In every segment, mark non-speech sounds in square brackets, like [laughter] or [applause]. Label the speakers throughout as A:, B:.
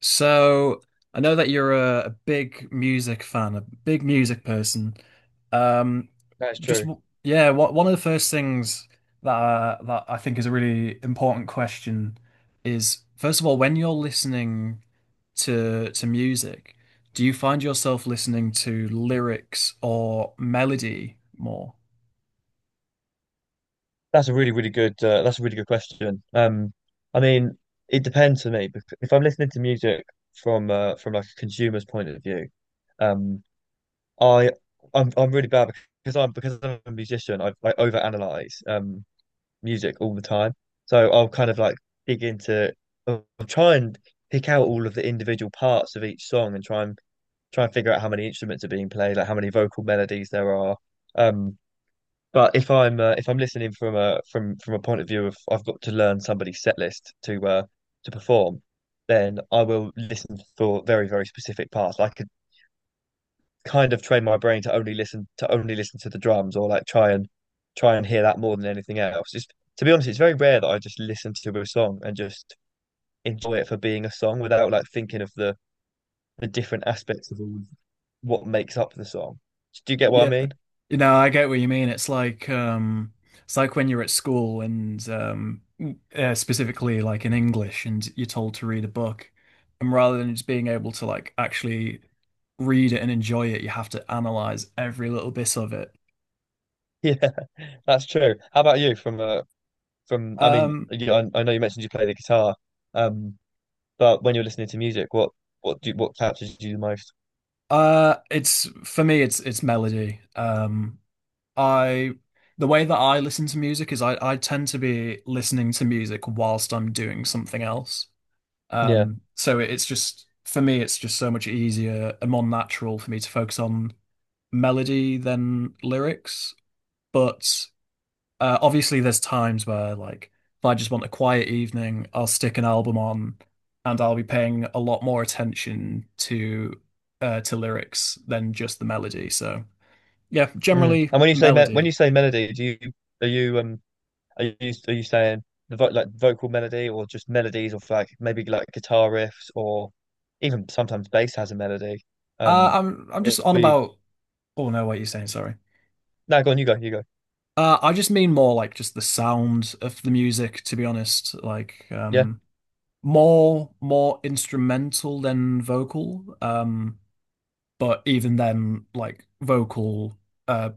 A: So I know that you're a big music fan, a big music person. Um,
B: That's
A: just
B: true.
A: w- yeah, what, one of the first things that I think is a really important question is, first of all, when you're listening to music, do you find yourself listening to lyrics or melody more?
B: That's a really, really good. That's a really good question. I mean, it depends for me. If I'm listening to music from like a consumer's point of view, um, I I'm really bad because I'm a musician. I overanalyze music all the time. So I'll kind of like dig into. I'll try and pick out all of the individual parts of each song and try and figure out how many instruments are being played, like how many vocal melodies there are. Um, But if I'm listening from a from a point of view of I've got to learn somebody's set list to perform, then I will listen for very, very specific parts. I could kind of train my brain to only listen to only listen to the drums or like try and hear that more than anything else. Just to be honest, it's very rare that I just listen to a song and just enjoy it for being a song without like thinking of the different aspects of all what makes up the song. Do you get what I
A: Yeah.
B: mean? [laughs]
A: You know, I get what you mean. It's like when you're at school and specifically like in English and you're told to read a book, and rather than just being able to like actually read it and enjoy it, you have to analyze every little bit of it.
B: Yeah, that's true. How about you from a from I mean,
A: Um
B: you, I know you mentioned you play the guitar, um, but when you're listening to music, what captures you the most?
A: it's for me, it's melody. I The way that I listen to music is I tend to be listening to music whilst I'm doing something else.
B: Yeah.
A: So it's just for me, it's just so much easier and more natural for me to focus on melody than lyrics. But obviously, there's times where like if I just want a quiet evening, I'll stick an album on, and I'll be paying a lot more attention to lyrics than just the melody. So yeah,
B: Mm.
A: generally
B: And when you
A: melody.
B: say melody, do you are you are you are you saying the vo like vocal melody or just melodies of like maybe like guitar riffs or even sometimes bass has a melody.
A: Uh,
B: Um,
A: I'm I'm
B: or
A: just on
B: we
A: about. Oh no, what are you saying? Sorry.
B: No, go on, you go, you go.
A: I just mean more like just the sound of the music, to be honest. Like
B: Yeah,
A: more instrumental than vocal. But even then like vocal uh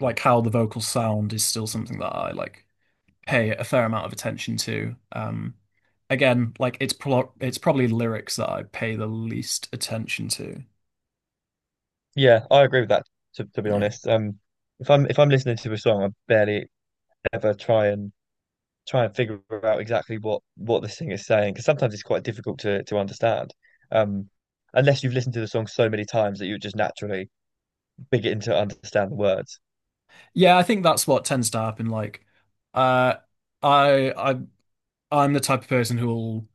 A: like how the vocals sound is still something that I like pay a fair amount of attention to. Like it's probably lyrics that I pay the least attention to.
B: yeah, I agree with that. To be
A: Yeah.
B: honest, if I'm listening to a song, I barely ever try and figure out exactly what this thing is saying because sometimes it's quite difficult to understand um unless you've listened to the song so many times that you just naturally begin to understand the words.
A: Yeah, I think that's what tends to happen. Like uh I I I'm the type of person who'll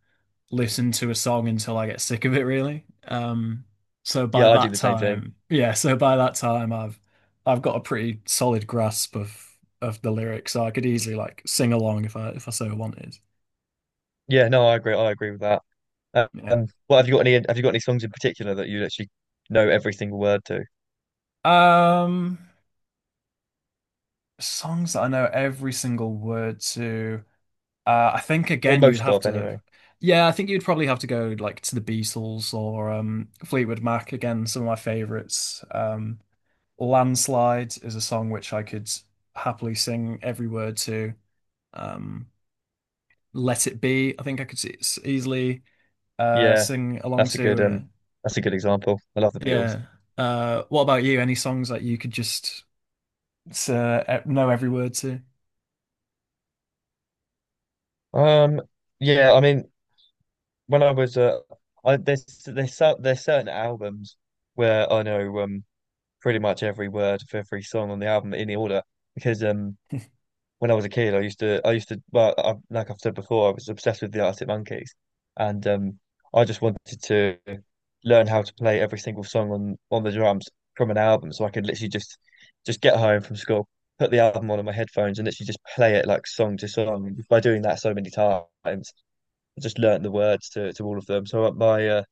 A: listen to a song until I get sick of it, really. So by
B: Yeah, I do
A: that
B: the same thing
A: time, yeah, so by that time I've got a pretty solid grasp of the lyrics, so I could easily like sing along if I so wanted.
B: yeah no, I agree with that.
A: Yeah.
B: Well, have you got any songs in particular that you actually know every single word to,
A: Um, songs that I know every single word to. I think
B: or
A: again you'd
B: most
A: have
B: of
A: to.
B: anyway?
A: Yeah, I think you'd probably have to go like to the Beatles or Fleetwood Mac again, some of my favorites. Landslide is a song which I could happily sing every word to. Um, Let It Be, I think I could easily
B: Yeah,
A: sing along
B: that's a good
A: to.
B: um that's a good example. I love the Beatles.
A: Yeah. What about you? Any songs that you could just know every word to?
B: um yeah I mean, when I was there's there's certain albums where I know pretty much every word of every song on the album in the order because
A: [laughs]
B: when I was a kid I used to, well like I've said before, I was obsessed with the Arctic Monkeys, and I just wanted to learn how to play every single song on the drums from an album so I could literally just get home from school, put the album on in my headphones, and literally just play it like song to song. By doing that so many times, I just learnt the words to all of them. So my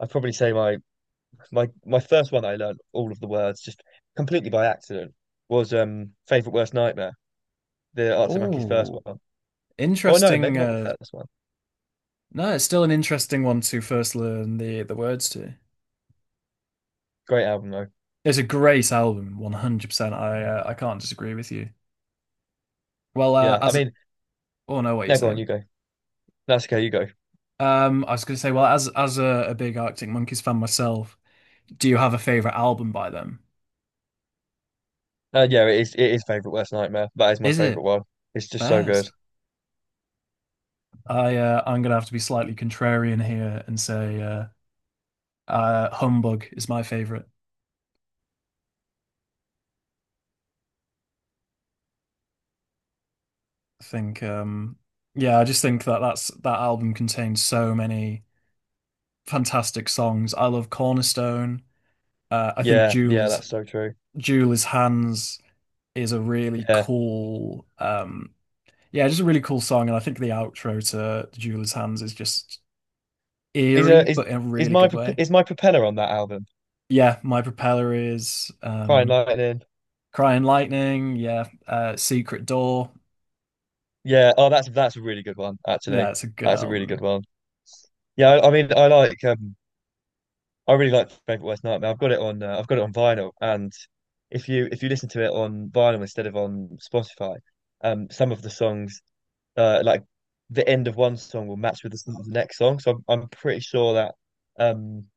B: I'd probably say my my first one that I learned all of the words just completely by accident was Favorite Worst Nightmare, the Arctic Monkeys first
A: Oh,
B: one. Oh no,
A: interesting.
B: maybe not the first one.
A: No, it's still an interesting one to first learn the words to.
B: Great album though.
A: It's a great album, 100%. I can't disagree with you. Well,
B: Yeah, I
A: as
B: mean,
A: oh no, what are you
B: no, go on, you
A: saying?
B: go. That's okay, you go.
A: I was going to say, well, as a big Arctic Monkeys fan myself, do you have a favorite album by them?
B: Yeah, it is. It is Favorite Worst Nightmare. That is my
A: Is
B: favorite
A: it
B: one. It's just so good.
A: Bears? I I'm going to have to be slightly contrarian here and say Humbug is my favorite. I think, yeah, I just think that that album contains so many fantastic songs. I love Cornerstone. I think
B: Yeah, yeah, that's so true.
A: Jewel is Hands is a really
B: Yeah,
A: cool yeah, just a really cool song, and I think the outro to Jewel's Hands is just
B: is
A: eerie,
B: a is
A: but in a
B: is
A: really
B: my
A: good way.
B: Is my propeller on that album?
A: Yeah, My Propeller is
B: Crying Lightning.
A: Crying Lightning. Yeah, Secret Door.
B: Yeah. Oh, that's a really good one actually.
A: Yeah, it's a good
B: That's a really good
A: album.
B: one. Yeah, I mean, I like I really like Frank Worth Nightmare. I've got it on I've got it on vinyl, and if you listen to it on vinyl instead of on Spotify, some of the songs like the end of one song will match with the start of the next song. So I'm pretty sure that um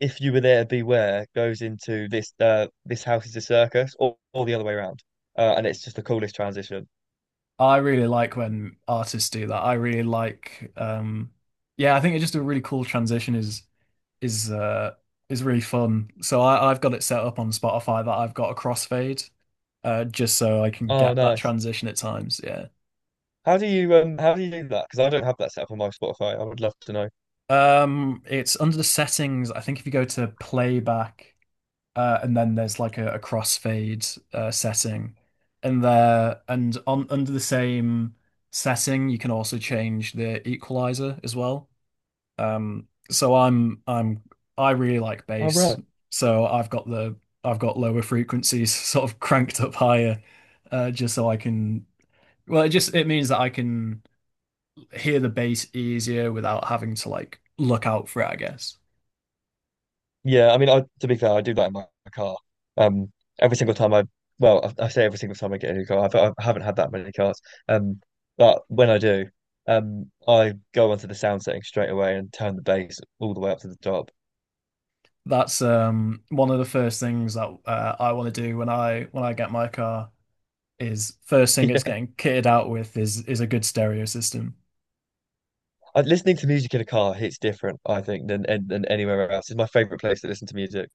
B: if you were there, beware goes into this this house is a circus, or the other way around, and it's just the coolest transition.
A: I really like when artists do that. I really like. Yeah, I think it's just a really cool transition. Is uh, is really fun. So I've got it set up on Spotify that I've got a crossfade, just so I can
B: Oh,
A: get that
B: nice.
A: transition at times. Yeah.
B: How do you do that? Because I don't have that set up on my Spotify. I would love to know.
A: It's under the settings. I think if you go to playback and then there's like a crossfade setting in there, and on under the same setting, you can also change the equalizer as well. Um, so I'm I'm I really like
B: Oh,
A: bass,
B: right.
A: so I've got lower frequencies [laughs] sort of cranked up higher, just so I can. Well, it just it means that I can hear the bass easier without having to like look out for it, I guess.
B: Yeah, I mean, I to be fair, I do like my car. Um, every single time well, I say every single time I get a new car, I haven't had that many cars. Um, but when I do, I go onto the sound setting straight away and turn the bass all the way up to the top. [laughs]
A: That's one of the first things that I want to do when I get my car is first thing it's
B: Yeah,
A: getting kitted out with is a good stereo system.
B: I- listening to music in a car hits different, I think, than than anywhere else. It's my favorite place to listen to music.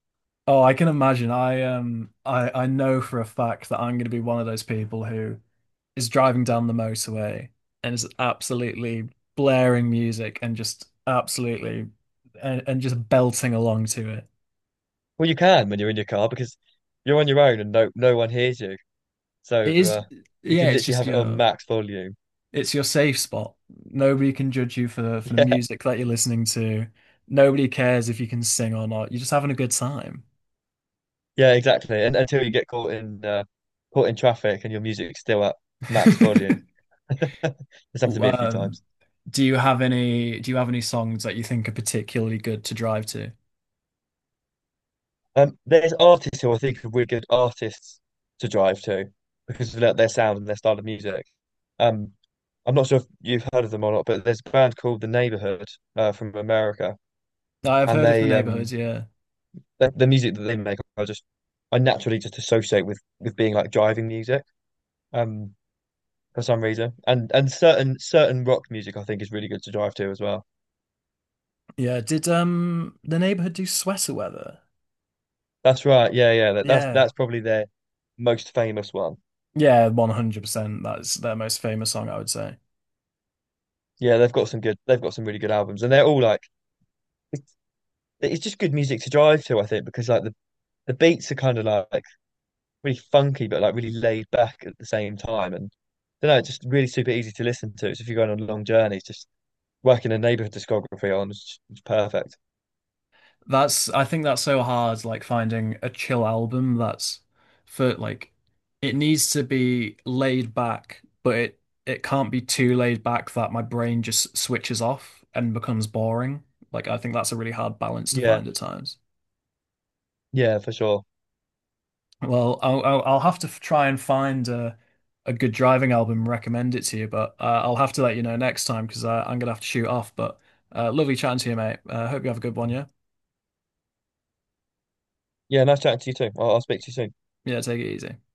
A: Oh, I can imagine. I know for a fact that I'm going to be one of those people who is driving down the motorway and is absolutely blaring music and just belting along to it.
B: Well, you can when you're in your car because you're on your own and no one hears you, so
A: It is
B: you
A: yeah,
B: can
A: it's
B: literally
A: just
B: have it on
A: your.
B: max volume.
A: It's your safe spot. Nobody can judge you for the
B: [laughs]
A: music that you're listening to. Nobody cares if you can sing or not. You're just having a good time.
B: Yeah, exactly. And until you get caught in caught in traffic and your music's still at max volume.
A: [laughs]
B: [laughs] It's happened to me a few
A: Um,
B: times.
A: do you have any songs that you think are particularly good to drive to?
B: There's artists who I think are really good artists to drive to because of their sound and their style of music. Um, I'm not sure if you've heard of them or not, but there's a band called The Neighborhood from America,
A: I've
B: and
A: heard of The
B: they
A: Neighborhood, yeah.
B: the music that they make, I just I naturally just associate with being like driving music um for some reason, and certain rock music I think is really good to drive to as well.
A: Yeah, did The Neighborhood do Sweater Weather?
B: That's right. Yeah, yeah.
A: Yeah.
B: That's probably their most famous one.
A: Yeah, 100%. That's their most famous song, I would say.
B: Yeah, they've got some good. They've got some really good albums, and they're all like it's, it's just good music to drive to. I think because like the beats are kind of like really funky, but like really laid back at the same time, and I don't know, it's just really super easy to listen to. So if you're going on long journeys, just working a neighborhood discography on, it's perfect.
A: That's, I think that's so hard, like finding a chill album that's for like it needs to be laid back, but it can't be too laid back that my brain just switches off and becomes boring. Like I think that's a really hard balance to
B: Yeah,
A: find at times.
B: yeah, for sure.
A: Well, I'll have to try and find a good driving album and recommend it to you, but I'll have to let you know next time because I'm gonna have to shoot off. But lovely chatting to you, mate. Hope you have a good one, yeah?
B: Yeah, nice chatting to you too. I'll speak to you soon.
A: Yeah, take it easy.